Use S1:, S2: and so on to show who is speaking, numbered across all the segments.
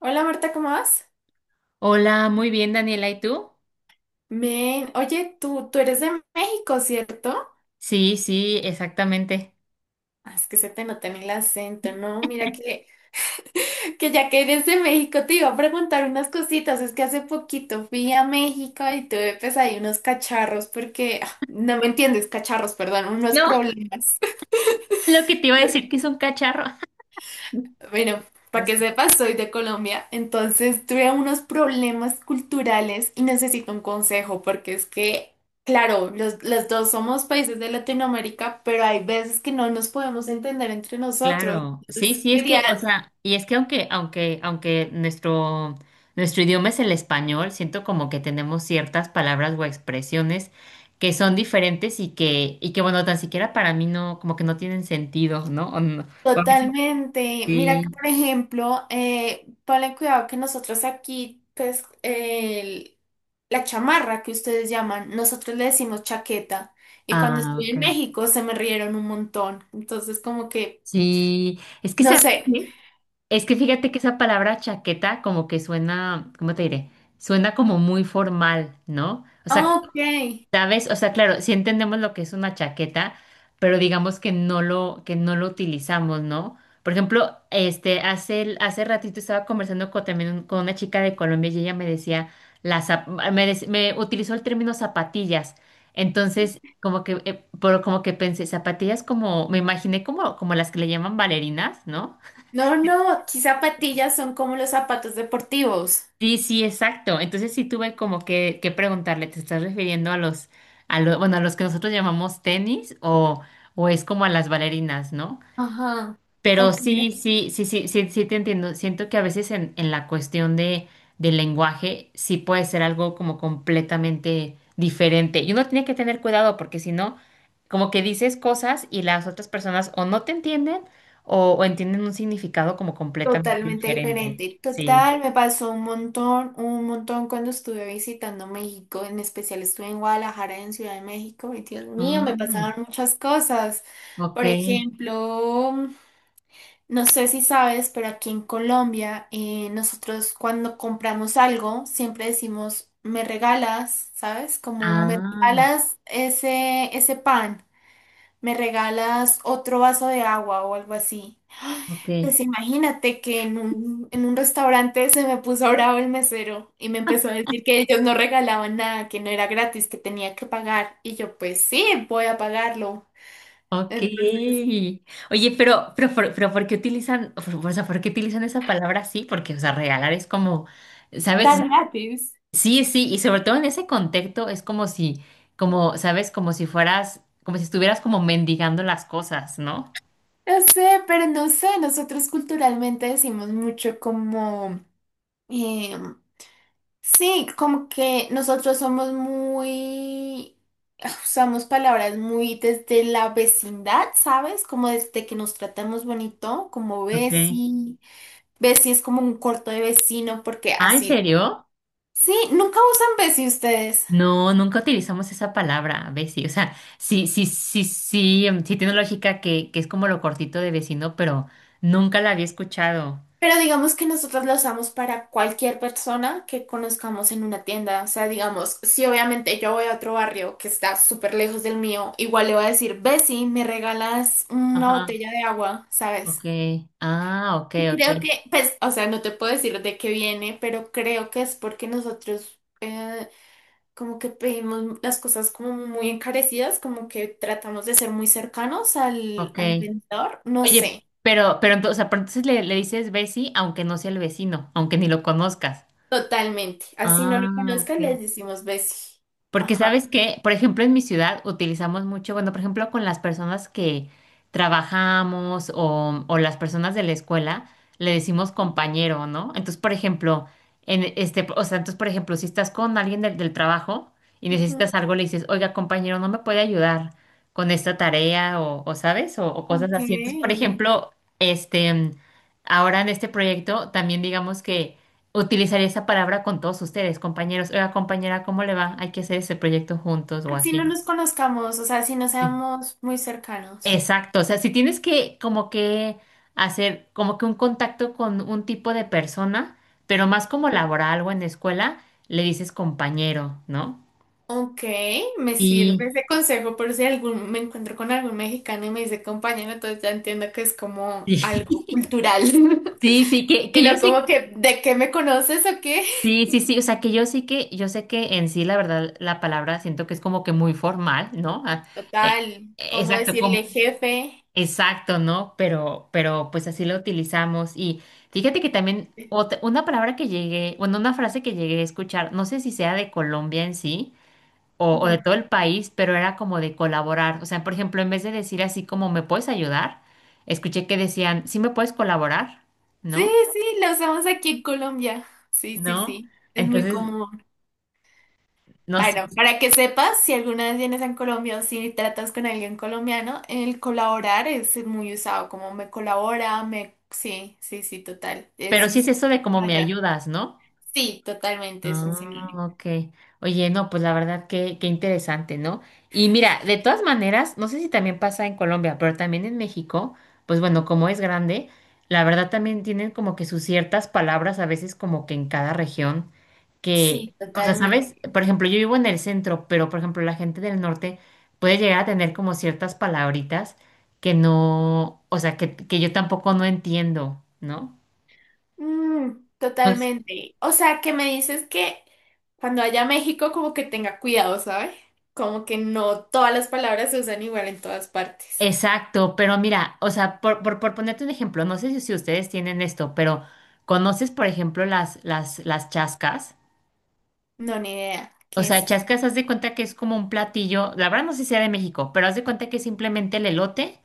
S1: Hola Marta, ¿cómo vas?
S2: Hola, muy bien, Daniela, ¿y tú?
S1: Men, oye, tú eres de México, ¿cierto?
S2: Sí, sí, exactamente.
S1: Es que se te nota en el acento, ¿no? Mira que ya que eres de México te iba a preguntar unas cositas. Es que hace poquito fui a México y tuve pues ahí unos cacharros porque, no me entiendes, cacharros, perdón, unos
S2: No,
S1: problemas.
S2: lo que te iba a decir que es un cacharro.
S1: Bueno, para
S2: Es-
S1: que sepas, soy de Colombia, entonces tuve unos problemas culturales y necesito un consejo, porque es que, claro, los dos somos países de Latinoamérica, pero hay veces que no nos podemos entender entre nosotros.
S2: Claro, sí,
S1: Entonces,
S2: sí, es
S1: quería
S2: que, o sea, y es que aunque nuestro idioma es el español, siento como que tenemos ciertas palabras o expresiones que son diferentes y que bueno, tan siquiera para mí no, como que no tienen sentido, ¿no? O a veces
S1: totalmente, mira que,
S2: sí.
S1: por ejemplo, ponle cuidado que nosotros aquí, pues, la chamarra que ustedes llaman, nosotros le decimos chaqueta. Y cuando
S2: Ah,
S1: estuve
S2: ok.
S1: en México se me rieron un montón. Entonces, como que
S2: Sí, es que,
S1: no
S2: ¿sabes
S1: sé.
S2: qué? Es que fíjate que esa palabra chaqueta como que suena, ¿cómo te diré? Suena como muy formal, ¿no? O sea,
S1: Ok.
S2: sabes, o sea, claro, sí entendemos lo que es una chaqueta, pero digamos que que no lo utilizamos, ¿no? Por ejemplo, este, hace ratito estaba conversando con, también con una chica de Colombia y ella me decía, la, zap- me, dec- me utilizó el término zapatillas. Entonces, como que, como que pensé, zapatillas como, me imaginé como, como las que le llaman bailarinas, ¿no?
S1: No, no, aquí zapatillas son como los zapatos deportivos.
S2: Sí, sí, exacto. Entonces sí tuve como que preguntarle, ¿te estás refiriendo a los, bueno, a los que nosotros llamamos tenis o es como a las bailarinas, ¿no?
S1: Ajá,
S2: Pero
S1: ok.
S2: sí, sí, sí, sí, sí, sí te entiendo. Siento que a veces en la cuestión de, del lenguaje sí puede ser algo como completamente diferente. Y uno tiene que tener cuidado porque si no, como que dices cosas y las otras personas o no te entienden o entienden un significado como completamente
S1: Totalmente
S2: diferente.
S1: diferente.
S2: Sí.
S1: Total, me pasó un montón cuando estuve visitando México. En especial estuve en Guadalajara, en Ciudad de México. Y Dios mío, me
S2: Ay.
S1: pasaban muchas cosas.
S2: Ok.
S1: Por ejemplo. No sé si sabes, pero aquí en Colombia nosotros cuando compramos algo siempre decimos, me regalas, ¿sabes? Como me
S2: Ah,
S1: regalas ese pan, me regalas otro vaso de agua o algo así.
S2: ok.
S1: Pues imagínate que en en un restaurante se me puso bravo el mesero y me empezó a decir que ellos no regalaban nada, que no era gratis, que tenía que pagar. Y yo, pues sí, voy a pagarlo.
S2: Ok.
S1: Entonces,
S2: Oye, pero, ¿por qué o sea, por qué utilizan esa palabra así? Porque, o sea, regalar es como,
S1: dar
S2: ¿sabes?
S1: gratis.
S2: Sí, sí, y sobre todo en ese contexto es como si, como, ¿sabes? Como si fueras, como si estuvieras como mendigando las cosas, ¿no?
S1: No sé, pero no sé, nosotros culturalmente decimos mucho como, eh, sí, como que nosotros somos muy, usamos palabras muy desde la vecindad, ¿sabes? Como desde que nos tratamos bonito, como
S2: Ok.
S1: veci, veci es como un corto de vecino, porque
S2: Ah, ¿en
S1: así,
S2: serio?
S1: sí, nunca usan veci ustedes.
S2: No, nunca utilizamos esa palabra, Bessie. O sea, sí, sí, sí, sí, sí tiene lógica que es como lo cortito de vecino, pero nunca la había escuchado.
S1: Pero digamos que nosotros la usamos para cualquier persona que conozcamos en una tienda. O sea, digamos, si obviamente yo voy a otro barrio que está súper lejos del mío, igual le voy a decir, Bessie, ¿me regalas una
S2: Ajá,
S1: botella de agua?
S2: ok.
S1: ¿Sabes?
S2: Ah, ok,
S1: Y
S2: ok,
S1: creo que, pues, o sea, no te puedo decir de qué viene, pero creo que es porque nosotros como que pedimos las cosas como muy encarecidas, como que tratamos de ser muy cercanos al,
S2: ok.
S1: al vendedor. No
S2: Oye,
S1: sé.
S2: pero entonces, o sea, pero entonces le dices Bessie, aunque no sea el vecino, aunque ni lo conozcas.
S1: Totalmente. Así no lo
S2: Ah, ok.
S1: conozcan les decimos Bessie.
S2: Porque
S1: Ajá.
S2: sabes que, por ejemplo, en mi ciudad utilizamos mucho, bueno, por ejemplo, con las personas que trabajamos o las personas de la escuela, le decimos compañero, ¿no? Entonces, por ejemplo, o sea, entonces, por ejemplo, si estás con alguien del trabajo y
S1: Ujú,
S2: necesitas algo, le dices, oiga, compañero, ¿no me puede ayudar con esta tarea o ¿sabes? O cosas
S1: ok.
S2: así. Entonces, por ejemplo, este, ahora en este proyecto también digamos que utilizaré esa palabra con todos ustedes, compañeros. Oiga, compañera, ¿cómo le va? Hay que hacer ese proyecto juntos o
S1: Así no
S2: así.
S1: nos conozcamos, o sea, así no
S2: Sí.
S1: seamos muy cercanos.
S2: Exacto. O sea, si tienes que como que hacer como que un contacto con un tipo de persona, pero más como laboral o en la escuela, le dices compañero, ¿no?
S1: Ok, me sirve
S2: Y
S1: ese consejo por si algún, me encuentro con algún mexicano y me dice compañero, entonces ya entiendo que es como
S2: sí,
S1: algo cultural.
S2: sí, sí,
S1: Y
S2: que yo
S1: no como
S2: sí,
S1: que, ¿de qué me conoces o qué?
S2: sí, sí, sí, o sea, que yo sí que, yo sé que en sí, la verdad, la palabra siento que es como que muy formal, ¿no? Ah, eh,
S1: Total, ¿como
S2: exacto,
S1: decirle
S2: como,
S1: jefe?
S2: exacto, ¿no? Pero pues así lo utilizamos. Y fíjate que también una palabra que llegué, bueno, una frase que llegué a escuchar, no sé si sea de Colombia en sí o de
S1: Dime.
S2: todo el país, pero era como de colaborar. O sea, por ejemplo, en vez de decir así como ¿me puedes ayudar? Escuché que decían, ¿sí me puedes colaborar?
S1: Sí,
S2: ¿No?
S1: sí, lo usamos aquí en Colombia. Sí, sí,
S2: ¿No?
S1: sí. Es muy
S2: Entonces,
S1: común.
S2: no sé.
S1: Bueno, para que sepas, si alguna vez vienes a Colombia o si tratas con alguien colombiano, el colaborar es muy usado, como me colabora, me... Sí, sí, sí, total. Es
S2: Pero sí
S1: un...
S2: es eso de como me
S1: Vaya.
S2: ayudas, ¿no?
S1: Sí, totalmente, es un
S2: Ah,
S1: sinónimo.
S2: ok. Oye, no, pues la verdad que, qué interesante, ¿no? Y mira, de todas maneras, no sé si también pasa en Colombia, pero también en México, pues bueno, como es grande, la verdad también tienen como que sus ciertas palabras a veces como que en cada región, que,
S1: Sí,
S2: o sea, ¿sabes?
S1: totalmente.
S2: Por ejemplo, yo vivo en el centro, pero por ejemplo, la gente del norte puede llegar a tener como ciertas palabritas que no, o sea, que yo tampoco no entiendo, ¿no?
S1: Mm, totalmente. O sea, que me dices que cuando vaya a México como que tenga cuidado, ¿sabes? Como que no todas las palabras se usan igual en todas partes.
S2: Exacto, pero mira, o sea, por ponerte un ejemplo, no sé si ustedes tienen esto, pero ¿conoces, por ejemplo, las chascas?
S1: No, ni idea.
S2: O
S1: ¿Qué
S2: sea,
S1: es?
S2: chascas, haz de cuenta que es como un platillo, la verdad no sé si sea de México, pero haz de cuenta que es simplemente el elote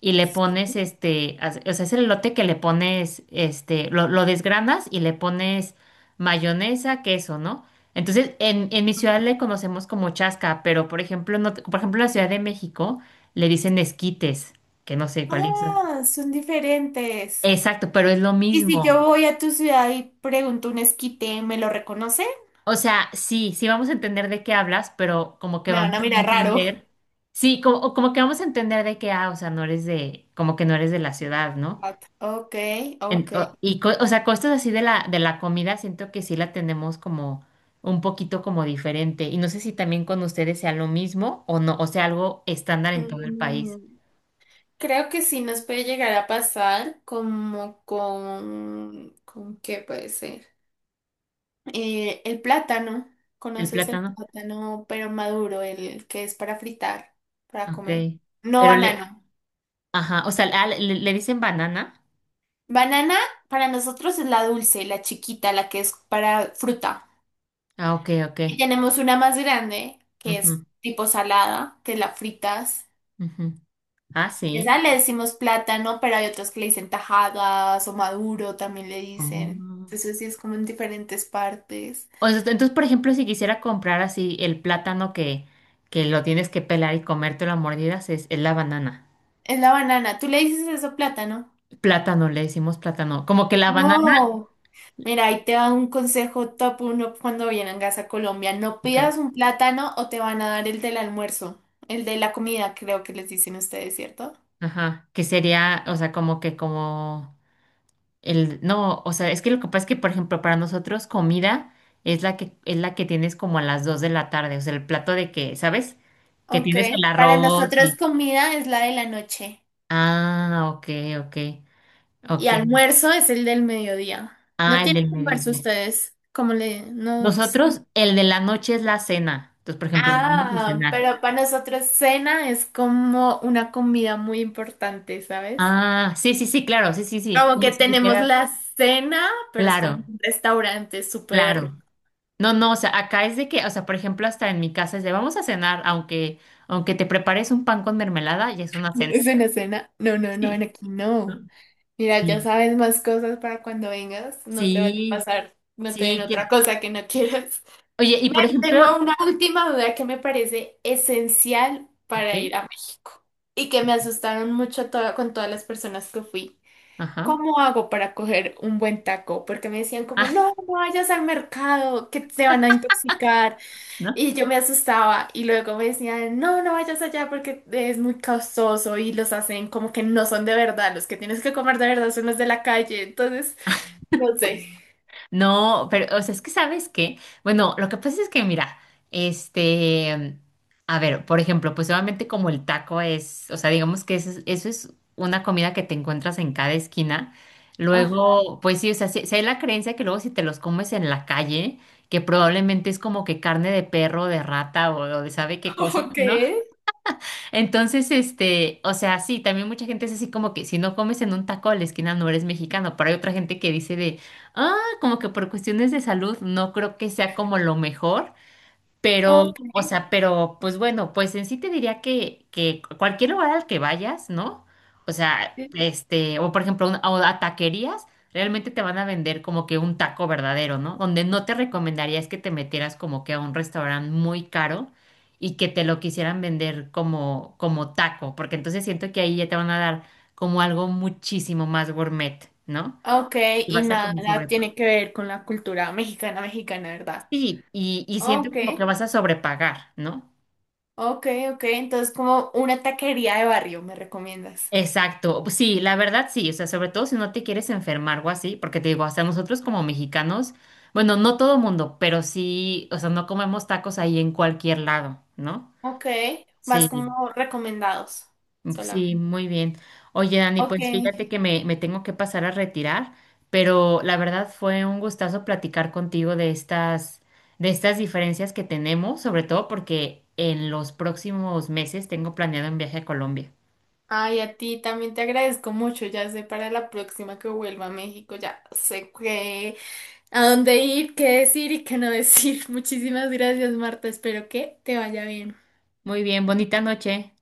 S2: y le pones
S1: Sí.
S2: este, o sea, es el elote que le pones, este, lo desgranas y le pones mayonesa, queso, ¿no? Entonces, en mi ciudad le conocemos como chasca, pero por ejemplo, por ejemplo, en la Ciudad de México le dicen esquites, que no sé cuál es.
S1: Ah, son diferentes.
S2: Exacto, pero es lo
S1: Y si yo
S2: mismo.
S1: voy a tu ciudad y pregunto un esquite, ¿me lo reconoce?
S2: O sea, sí, sí vamos a entender de qué hablas, pero como que
S1: Me van
S2: vamos
S1: a
S2: a
S1: mirar raro.
S2: entender, sí, como, o como que vamos a entender de qué, ah, o sea, no eres de, como que no eres de la ciudad, ¿no?
S1: What? Ok, ok.
S2: O sea, cosas así de la comida, siento que sí la tenemos como un poquito como diferente. Y no sé si también con ustedes sea lo mismo o no, o sea, algo estándar en todo el país.
S1: Mm, creo que sí nos puede llegar a pasar como con... ¿Con qué puede ser? El plátano.
S2: El
S1: ¿Conoces el
S2: plátano,
S1: plátano, pero maduro, el que es para fritar, para
S2: ok.
S1: comer? No
S2: Pero le,
S1: banano.
S2: ajá, o sea, ah, le dicen banana.
S1: Banana para nosotros es la dulce, la chiquita, la que es para fruta.
S2: Ah, ok, ok.
S1: Y tenemos una más grande, que
S2: Ujú,
S1: es tipo salada, que la fritas.
S2: ujú. Ah, sí.
S1: Esa le decimos plátano, pero hay otros que le dicen tajadas o maduro, también le dicen.
S2: Oh.
S1: Entonces sí es como en diferentes partes.
S2: O sea, entonces, por ejemplo, si quisiera comprar así el plátano que lo tienes que pelar y comértelo a mordidas, es la banana.
S1: Es la banana. ¿Tú le dices eso plátano?
S2: Plátano, le decimos plátano. Como que la banana,
S1: No. Mira, ahí te va un consejo top uno cuando vengas a Colombia. No
S2: ok.
S1: pidas un plátano o te van a dar el del almuerzo, el de la comida, creo que les dicen ustedes, ¿cierto?
S2: Ajá. Que sería, o sea, como que como no, o sea, es que lo que pasa es que, por ejemplo, para nosotros comida es la que tienes como a las 2 de la tarde. O sea, el plato de que, ¿sabes? Que
S1: Ok.
S2: tienes el
S1: Para
S2: arroz
S1: nosotros
S2: y.
S1: comida es la de la noche.
S2: Ah, ok, ok.
S1: Y
S2: Ok.
S1: almuerzo es el del mediodía. ¿No
S2: Ah, el
S1: tienen
S2: del
S1: almuerzo
S2: mediodía.
S1: ustedes? Como le... No...
S2: Nosotros, el de la noche es la cena. Entonces, por ejemplo, vamos a
S1: Ah,
S2: cenar.
S1: pero para nosotros cena es como una comida muy importante, ¿sabes?
S2: Ah, sí, sí, sí, claro, sí, sí, sí.
S1: Como
S2: Como
S1: que
S2: si
S1: tenemos
S2: dijeras,
S1: la cena, pero es como
S2: claro,
S1: un restaurante súper...
S2: claro. No, no, o sea, acá es de que, o sea, por ejemplo, hasta en mi casa es de vamos a cenar, aunque te prepares un pan con mermelada, ya es una cena.
S1: ¿Es una cena? No, no, no, en
S2: Sí.
S1: aquí no.
S2: ¿No?
S1: Mira, ya
S2: Sí,
S1: sabes más cosas para cuando vengas. No te vaya a
S2: sí,
S1: pasar, no te den
S2: sí.
S1: otra cosa que no quieras.
S2: Oye, y
S1: Me
S2: por ejemplo,
S1: tengo una última duda que me parece esencial
S2: ok,
S1: para ir a México y que me asustaron mucho toda- con todas las personas que fui.
S2: ajá.
S1: ¿Cómo hago para coger un buen taco? Porque me decían como, no,
S2: Ah,
S1: no vayas al mercado, que te van a intoxicar.
S2: ¿no?
S1: Y yo me asustaba y luego me decían, no, no vayas allá porque es muy costoso y los hacen como que no son de verdad. Los que tienes que comer de verdad son los de la calle. Entonces, no sé.
S2: No, pero, o sea, es que sabes qué, bueno, lo que pasa es que, mira, este, a ver, por ejemplo, pues obviamente como el taco es, o sea, digamos que eso es una comida que te encuentras en cada esquina,
S1: Ajá.
S2: luego, pues sí, o sea, sí, sí hay la creencia que luego si te los comes en la calle, que probablemente es como que carne de perro, de rata o de sabe qué cosa,
S1: Ok,
S2: ¿no? Entonces, este, o sea, sí, también mucha gente es así como que si no comes en un taco a la esquina no eres mexicano, pero hay otra gente que dice de, ah, como que por cuestiones de salud no creo que sea como lo mejor, pero,
S1: ok.
S2: o sea, pero, pues bueno, pues en sí te diría que cualquier lugar al que vayas, ¿no? O sea, este, o por ejemplo, a taquerías, realmente te van a vender como que un taco verdadero, ¿no? Donde no te recomendaría es que te metieras como que a un restaurante muy caro y que te lo quisieran vender como, como taco, porque entonces siento que ahí ya te van a dar como algo muchísimo más gourmet, ¿no?
S1: Ok,
S2: Y
S1: y
S2: vas a como
S1: nada,
S2: sobre...
S1: tiene que ver con la cultura mexicana, mexicana, ¿verdad?
S2: Sí, y siento
S1: Ok,
S2: como que vas a sobrepagar, ¿no?
S1: ok, ok, entonces como una taquería de barrio, ¿me recomiendas?
S2: Exacto, pues sí, la verdad sí, o sea, sobre todo si no te quieres enfermar o así, porque te digo, hasta nosotros como mexicanos, bueno, no todo mundo, pero sí, o sea, no comemos tacos ahí en cualquier lado, ¿no?
S1: Ok, vas
S2: Sí,
S1: como recomendados
S2: sí,
S1: solamente.
S2: muy bien. Oye, Dani, pues
S1: Ok.
S2: fíjate que me tengo que pasar a retirar, pero la verdad fue un gustazo platicar contigo de estas diferencias que tenemos, sobre todo porque en los próximos meses tengo planeado un viaje a Colombia.
S1: Ay, a ti también te agradezco mucho, ya sé para la próxima que vuelva a México, ya sé qué, a dónde ir, qué decir y qué no decir. Muchísimas gracias, Marta, espero que te vaya bien.
S2: Muy bien, bonita noche.